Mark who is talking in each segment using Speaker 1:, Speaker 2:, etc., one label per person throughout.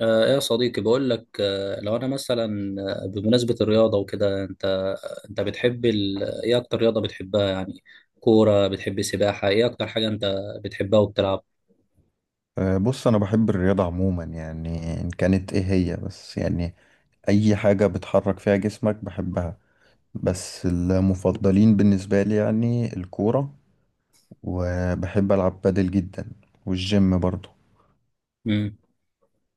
Speaker 1: ايه يا صديقي، بقول لك لو انا مثلا بمناسبة الرياضة وكده، انت بتحب ايه اكتر رياضة بتحبها؟ يعني كورة؟ بتحب سباحة؟ ايه اكتر حاجة انت بتحبها وبتلعب؟
Speaker 2: بص انا بحب الرياضة عموما يعني ان كانت ايه هي بس يعني اي حاجة بتحرك فيها جسمك بحبها. بس المفضلين بالنسبة لي يعني الكورة، وبحب العب بادل جدا، والجيم برضو.
Speaker 1: مم.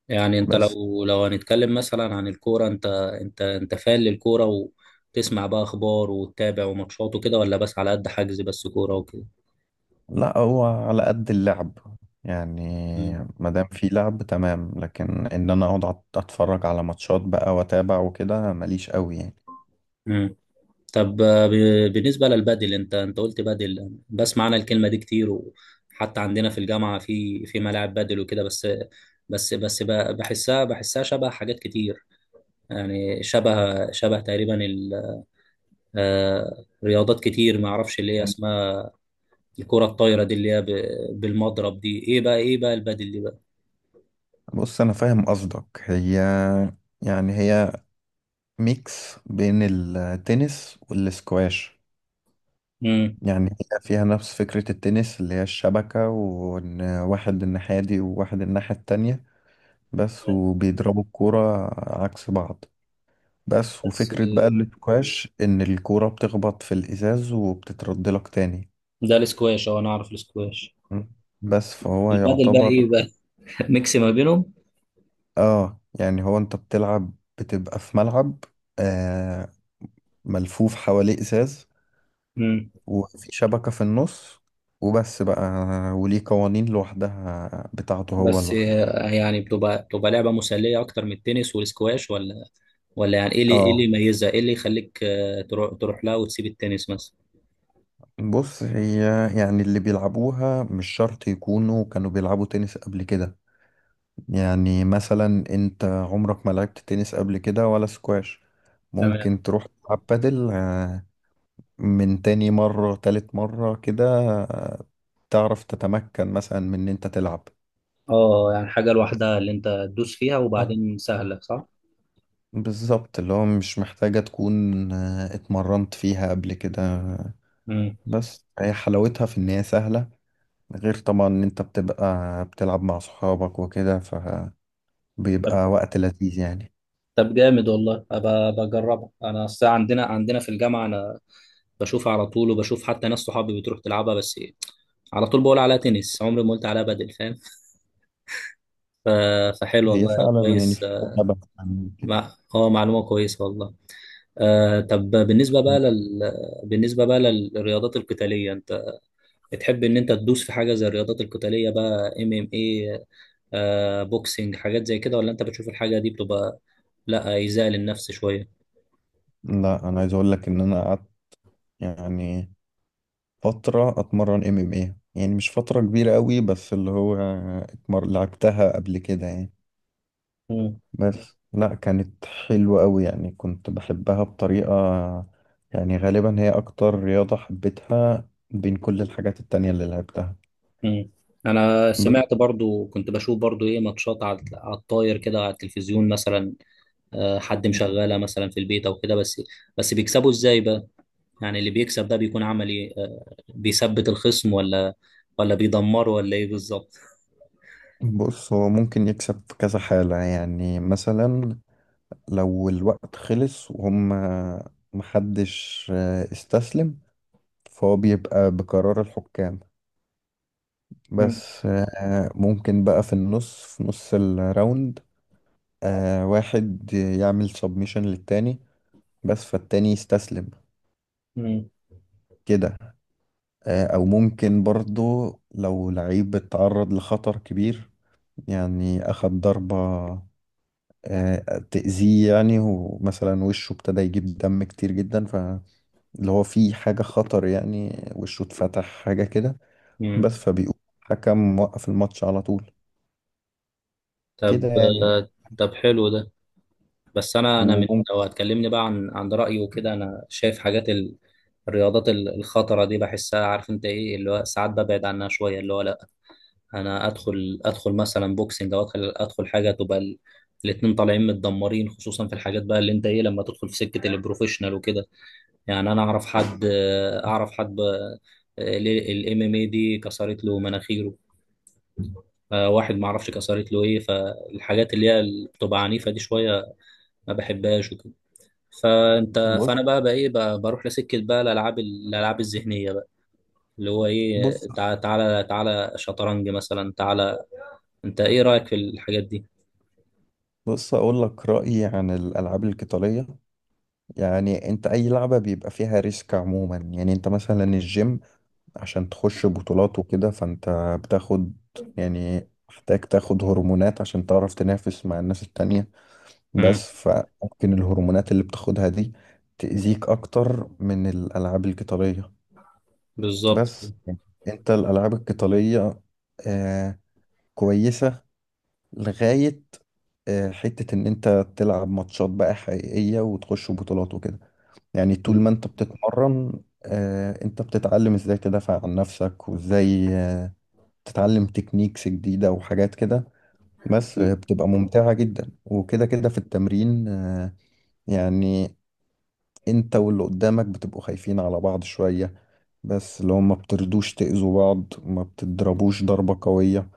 Speaker 1: يعني انت
Speaker 2: بس
Speaker 1: لو هنتكلم مثلا عن الكورة، انت فان للكورة، وتسمع بقى اخبار وتتابع وماتشات وكده، ولا بس على قد حجز، بس كورة وكده؟
Speaker 2: لا، هو على قد اللعب يعني،
Speaker 1: مم.
Speaker 2: ما دام في لعب تمام. لكن ان انا اقعد اتفرج على ماتشات بقى واتابع وكده ماليش قوي يعني.
Speaker 1: مم. طب، بالنسبة للبادل، انت قلت بادل، بسمع انا الكلمة دي كتير، وحتى عندنا في الجامعة في ملاعب بادل وكده، بس بس بحسها شبه حاجات كتير، يعني شبه تقريبا رياضات كتير ما اعرفش اللي هي اسمها. الكرة الطايرة دي، اللي هي بالمضرب دي، ايه بقى؟ البادل دي بقى؟
Speaker 2: بص انا فاهم قصدك، هي يعني هي ميكس بين التنس والسكواش.
Speaker 1: امم.
Speaker 2: يعني هي فيها نفس فكرة التنس اللي هي الشبكة، وإن واحد الناحية دي وواحد الناحية التانية، بس وبيضربوا الكورة عكس بعض. بس
Speaker 1: بس،
Speaker 2: وفكرة بقى السكواش إن الكورة بتخبط في الإزاز وبتترد لك تاني.
Speaker 1: ده الاسكواش. اه انا اعرف الاسكواش.
Speaker 2: م. بس فهو
Speaker 1: البادل بقى
Speaker 2: يعتبر
Speaker 1: ايه بقى؟ ميكس ما بينهم.
Speaker 2: يعني هو أنت بتلعب، بتبقى في ملعب آه ملفوف حواليه إزاز، وفي شبكة في النص، وبس بقى، وليه قوانين لوحدها بتاعته هو
Speaker 1: بس،
Speaker 2: لوحده.
Speaker 1: يعني بتبقى لعبة مسلية أكتر من التنس والسكواش، ولا؟ ولا يعني إيه اللي
Speaker 2: اه
Speaker 1: يميزها؟ إيه اللي يخليك تروح لها وتسيب التنس مثلا؟
Speaker 2: بص، هي يعني اللي بيلعبوها مش شرط يكونوا كانوا بيلعبوا تنس قبل كده. يعني مثلا انت عمرك ما لعبت تنس قبل كده ولا سكواش،
Speaker 1: تمام.
Speaker 2: ممكن تروح تلعب بادل، من تاني مرة تالت مرة كده، آه، تعرف تتمكن مثلا من ان انت تلعب.
Speaker 1: أه، يعني حاجة لوحدها اللي أنت تدوس فيها، وبعدين سهلة، صح؟
Speaker 2: بالظبط، اللي هو مش محتاجة تكون اتمرنت فيها قبل كده.
Speaker 1: مم.
Speaker 2: بس هي حلاوتها في إن هي سهلة، غير طبعا إن أنت بتبقى بتلعب مع صحابك وكده،
Speaker 1: طب
Speaker 2: فبيبقى وقت لذيذ يعني.
Speaker 1: طب جامد والله، أبقى بجربها. أنا أصل عندنا في الجامعة، أنا بشوفها على طول، وبشوف حتى ناس صحابي بتروح تلعبها، بس على طول بقول عليها تنس، عمري ما قلت عليها بدل، فاهم؟ ف- فحلو
Speaker 2: هي
Speaker 1: والله.
Speaker 2: فعلا يعني
Speaker 1: كويس.
Speaker 2: في لعبة عن كده.
Speaker 1: مع- أه معلومة كويسة والله. طب، بالنسبة بقى بالنسبة بقى للرياضات القتالية، انت بتحب ان انت تدوس في حاجة زي الرياضات القتالية بقى، MMA، بوكسنج، حاجات زي كده؟ ولا انت بتشوف الحاجة دي بتبقى لا، ايذاء للنفس شوية؟
Speaker 2: لا أنا عايز أقول لك إن أنا قعدت يعني فترة أتمرن ام ام ايه، يعني مش فترة كبيرة قوي، بس اللي هو لعبتها قبل كده يعني.
Speaker 1: مم.
Speaker 2: بس لا، كانت حلوة قوي يعني، كنت بحبها بطريقة يعني، غالبا هي أكتر رياضة حبيتها بين كل الحاجات التانية اللي لعبتها.
Speaker 1: مم. انا
Speaker 2: ب-
Speaker 1: سمعت برضو، كنت بشوف برضو ايه ماتشات على الطاير كده، على التلفزيون مثلا، حد مشغلها مثلا في البيت او كده، بس بس بيكسبوا ازاي بقى؟ يعني اللي بيكسب ده بيكون عمل ايه؟ بيثبت الخصم، ولا ولا بيدمره، ولا ايه بالظبط؟
Speaker 2: بص، هو ممكن يكسب في كذا حالة، يعني مثلا لو الوقت خلص وهم محدش استسلم، فهو بيبقى بقرار الحكام. بس ممكن بقى في النص في نص الراوند واحد يعمل سبميشن للتاني، بس فالتاني يستسلم
Speaker 1: مم.
Speaker 2: كده. او ممكن برضو لو لعيب اتعرض لخطر كبير، يعني اخد ضربة تأذيه يعني، ومثلا وشه ابتدى يجيب دم كتير جدا، فاللي هو في حاجة خطر يعني، وشه اتفتح حاجة كده.
Speaker 1: مم.
Speaker 2: بس فبيقول حكم وقف الماتش على طول
Speaker 1: طب
Speaker 2: كده يعني.
Speaker 1: آه، طب، حلو ده. بس انا من،
Speaker 2: وممكن
Speaker 1: لو هتكلمني بقى عن رايي وكده، انا شايف حاجات الرياضات الخطره دي، بحسها، عارف انت ايه؟ اللي هو ساعات ببعد عنها شويه، اللي هو لا، انا ادخل مثلا بوكسنج، او ادخل حاجه تبقى الاتنين طالعين متدمرين، خصوصا في الحاجات بقى اللي انت ايه، لما تدخل في سكه البروفيشنال وكده. يعني انا اعرف حد، الام ام اي دي كسرت له مناخيره، واحد ما اعرفش كسرت له ايه. فالحاجات اللي هي اللي بتبقى عنيفه دي شويه، ما بحبهاش وكده. فانت
Speaker 2: بص
Speaker 1: فانا بقى ايه بقى، بروح لسكه بقى الالعاب الذهنيه بقى، اللي هو ايه،
Speaker 2: بص
Speaker 1: تعالى تعالى شطرنج مثلا، تعالى. انت ايه رايك في الحاجات دي؟
Speaker 2: بص اقول لك رأيي عن الالعاب القتالية. يعني انت اي لعبة بيبقى فيها ريسك عموما، يعني انت مثلا الجيم عشان تخش بطولات وكده فانت بتاخد، يعني محتاج تاخد هرمونات عشان تعرف تنافس مع الناس التانية.
Speaker 1: مم.
Speaker 2: بس فممكن الهرمونات اللي بتاخدها دي تأذيك أكتر من الألعاب القتالية.
Speaker 1: بالظبط.
Speaker 2: بس انت الألعاب القتالية آه كويسة لغاية حتة إن أنت تلعب ماتشات بقى حقيقية وتخش بطولات وكده. يعني طول
Speaker 1: مم.
Speaker 2: ما أنت بتتمرن انت بتتعلم ازاي تدافع عن نفسك، وازاي تتعلم تكنيكس جديدة وحاجات كده. بس
Speaker 1: مم.
Speaker 2: بتبقى ممتعة جدا وكده كده في التمرين يعني انت واللي قدامك بتبقوا خايفين على بعض شوية، بس اللي هو ما بتردوش تأذوا بعض، ما بتضربوش ضربة قوية،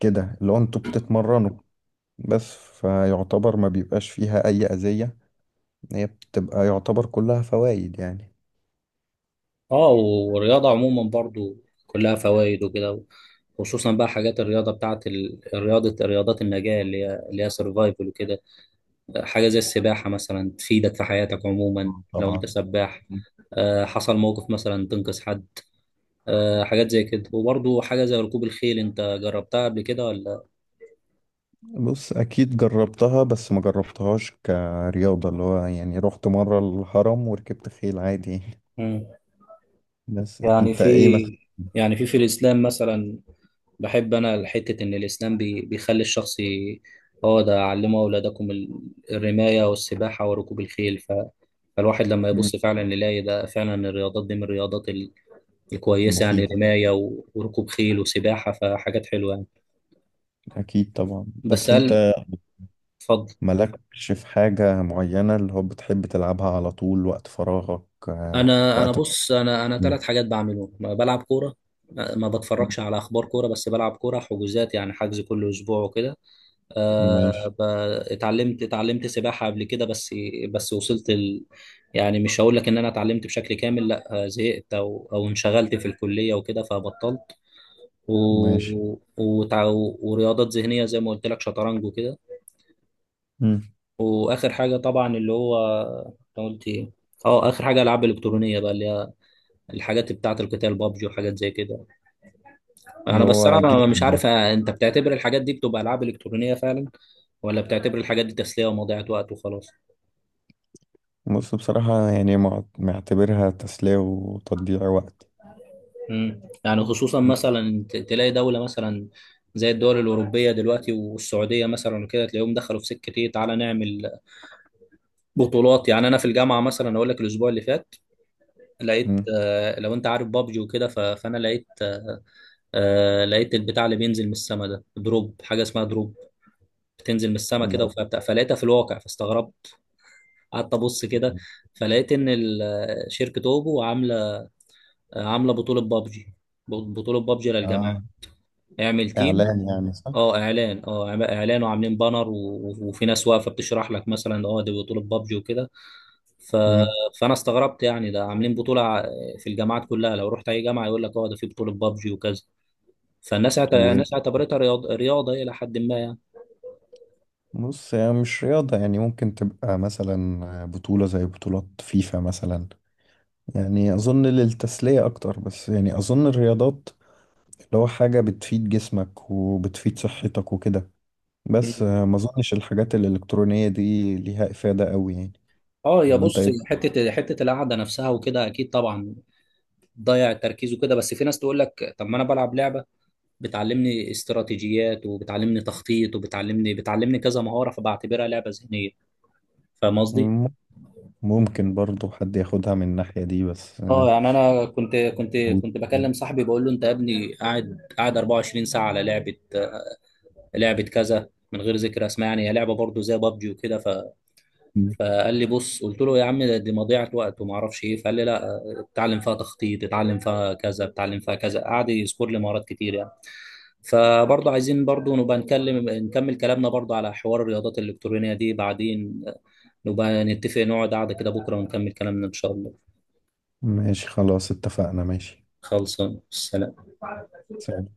Speaker 2: كده اللي هو انتوا بتتمرنوا. بس فيعتبر ما بيبقاش فيها أي أذية، هي بتبقى يعتبر كلها فوائد يعني.
Speaker 1: اه، والرياضه عموما برضو كلها فوائد وكده، خصوصا بقى حاجات الرياضه بتاعت ال- الرياضه رياضات النجاه، اللي هي سرفايفل وكده، حاجة زي السباحة مثلا تفيدك في حياتك عموما، لو أنت
Speaker 2: طبعا.
Speaker 1: سباح، حصل موقف مثلا تنقذ حد، حاجات زي كده. وبرضه حاجة زي ركوب الخيل، أنت جربتها قبل كده ولا؟
Speaker 2: بص اكيد جربتها، بس ما جربتهاش كرياضة، اللي هو يعني رحت مرة الهرم وركبت خيل عادي يعني.
Speaker 1: مم.
Speaker 2: بس
Speaker 1: يعني
Speaker 2: انت
Speaker 1: في
Speaker 2: ايه مثلا.
Speaker 1: يعني في الإسلام مثلا، بحب أنا حتة إن الإسلام بيخلي الشخص هو ده، علموا أولادكم الرماية والسباحة وركوب الخيل. فالواحد لما
Speaker 2: مم،
Speaker 1: يبص فعلا يلاقي ده، فعلا الرياضات دي من الرياضات الكويسة، يعني
Speaker 2: المفيدة
Speaker 1: رماية وركوب خيل وسباحة، فحاجات حلوة.
Speaker 2: اكيد طبعا.
Speaker 1: بس
Speaker 2: بس
Speaker 1: هل
Speaker 2: انت
Speaker 1: اتفضل،
Speaker 2: مالكش في حاجة معينة اللي هو بتحب تلعبها على طول وقت فراغك؟
Speaker 1: انا
Speaker 2: وقت.
Speaker 1: بص، انا
Speaker 2: مم.
Speaker 1: ثلاث حاجات بعملهم، ما بلعب كوره، ما بتفرجش على اخبار كوره، بس بلعب كوره حجوزات، يعني حجز كل اسبوع وكده. أه
Speaker 2: ماشي.
Speaker 1: ب- اتعلمت سباحه قبل كده، بس بس وصلت يعني مش هقول لك ان انا اتعلمت بشكل كامل، لا، زهقت او انشغلت في الكليه وكده، فبطلت، و...
Speaker 2: ماشي.
Speaker 1: وتع... ورياضات ذهنيه زي ما قلت لك، شطرنج وكده.
Speaker 2: مم.
Speaker 1: واخر حاجه طبعا، اللي هو أنت قلت ايه؟ اه، اخر حاجه العاب الكترونيه بقى، اللي الحاجات بتاعة القتال، بابجي وحاجات زي كده. انا
Speaker 2: اللي
Speaker 1: بس، انا
Speaker 2: هو
Speaker 1: مش
Speaker 2: جيم.
Speaker 1: عارف، انت بتعتبر الحاجات دي بتبقى العاب الكترونية فعلا، ولا بتعتبر الحاجات دي تسلية ومضيعة وقت وخلاص؟
Speaker 2: بص بصراحة يعني معتبرها تسلية وتضييع وقت.
Speaker 1: يعني خصوصا مثلا تلاقي دولة مثلا، زي الدول الأوروبية دلوقتي، والسعودية مثلا وكده، تلاقيهم دخلوا في سكة إيه، تعالى نعمل بطولات. يعني أنا في الجامعة مثلا أقول لك، الأسبوع اللي فات لقيت،
Speaker 2: مم.
Speaker 1: لو أنت عارف بابجي وكده، فأنا لقيت، لقيت البتاع اللي بينزل من السما ده، دروب، حاجة اسمها دروب، بتنزل من السما كده،
Speaker 2: لا.
Speaker 1: فلقيتها في الواقع، فاستغربت، قعدت ابص كده، فلقيت ان شركه اوبو عامله بطوله بابجي، بطوله بابجي للجماعه،
Speaker 2: آه.
Speaker 1: اعمل تيم.
Speaker 2: إعلان يعني صح؟
Speaker 1: اه، اعلان، وعاملين بانر وفي ناس واقفه بتشرح لك، مثلا دي بطوله بابجي وكده. ف...
Speaker 2: مم.
Speaker 1: فانا استغربت، يعني ده عاملين بطوله في الجامعات كلها، لو رحت اي جامعه يقول لك اه ده في بطوله بابجي وكذا. الناس
Speaker 2: و-
Speaker 1: اعتبرتها رياضه الى حد ما، يعني.
Speaker 2: بص هي مش رياضة، يعني ممكن تبقى مثلا بطولة زي بطولات فيفا مثلا. يعني أظن للتسلية أكتر، بس يعني أظن الرياضات اللي هو حاجة بتفيد جسمك وبتفيد صحتك وكده. بس
Speaker 1: مم.
Speaker 2: ما أظنش الحاجات الإلكترونية دي ليها إفادة أوي يعني.
Speaker 1: اه، يا
Speaker 2: ولا أنت
Speaker 1: بص،
Speaker 2: إيه؟
Speaker 1: حته القعده نفسها وكده اكيد طبعا، ضيع تركيزه كده، بس في ناس تقول لك طب ما انا بلعب لعبه بتعلمني استراتيجيات، وبتعلمني تخطيط، وبتعلمني كذا مهاره، فبعتبرها لعبه ذهنيه، فاهم قصدي؟
Speaker 2: مم. ممكن برضو حد ياخدها من الناحية دي، بس
Speaker 1: اه يعني انا كنت بكلم صاحبي، بقول له: انت يا ابني قاعد 24 ساعه على لعبه كذا، من غير ذكر اسماء، يعني هي لعبه برضه زي بابجي وكده.
Speaker 2: مم.
Speaker 1: فقال لي بص، قلت له يا عم دي مضيعه وقت وما اعرفش ايه، فقال لي لا، اتعلم فيها تخطيط، اتعلم فيها كذا، اتعلم فيها كذا، قعد يذكر لي مهارات كتير يعني. فبرضه عايزين برضه نبقى نكمل كلامنا برضه على حوار الرياضات الإلكترونية دي بعدين، نبقى نتفق نقعد قعدة كده بكرة ونكمل كلامنا إن شاء الله.
Speaker 2: ماشي، خلاص اتفقنا، ماشي.
Speaker 1: خلصان، سلام.
Speaker 2: سلام.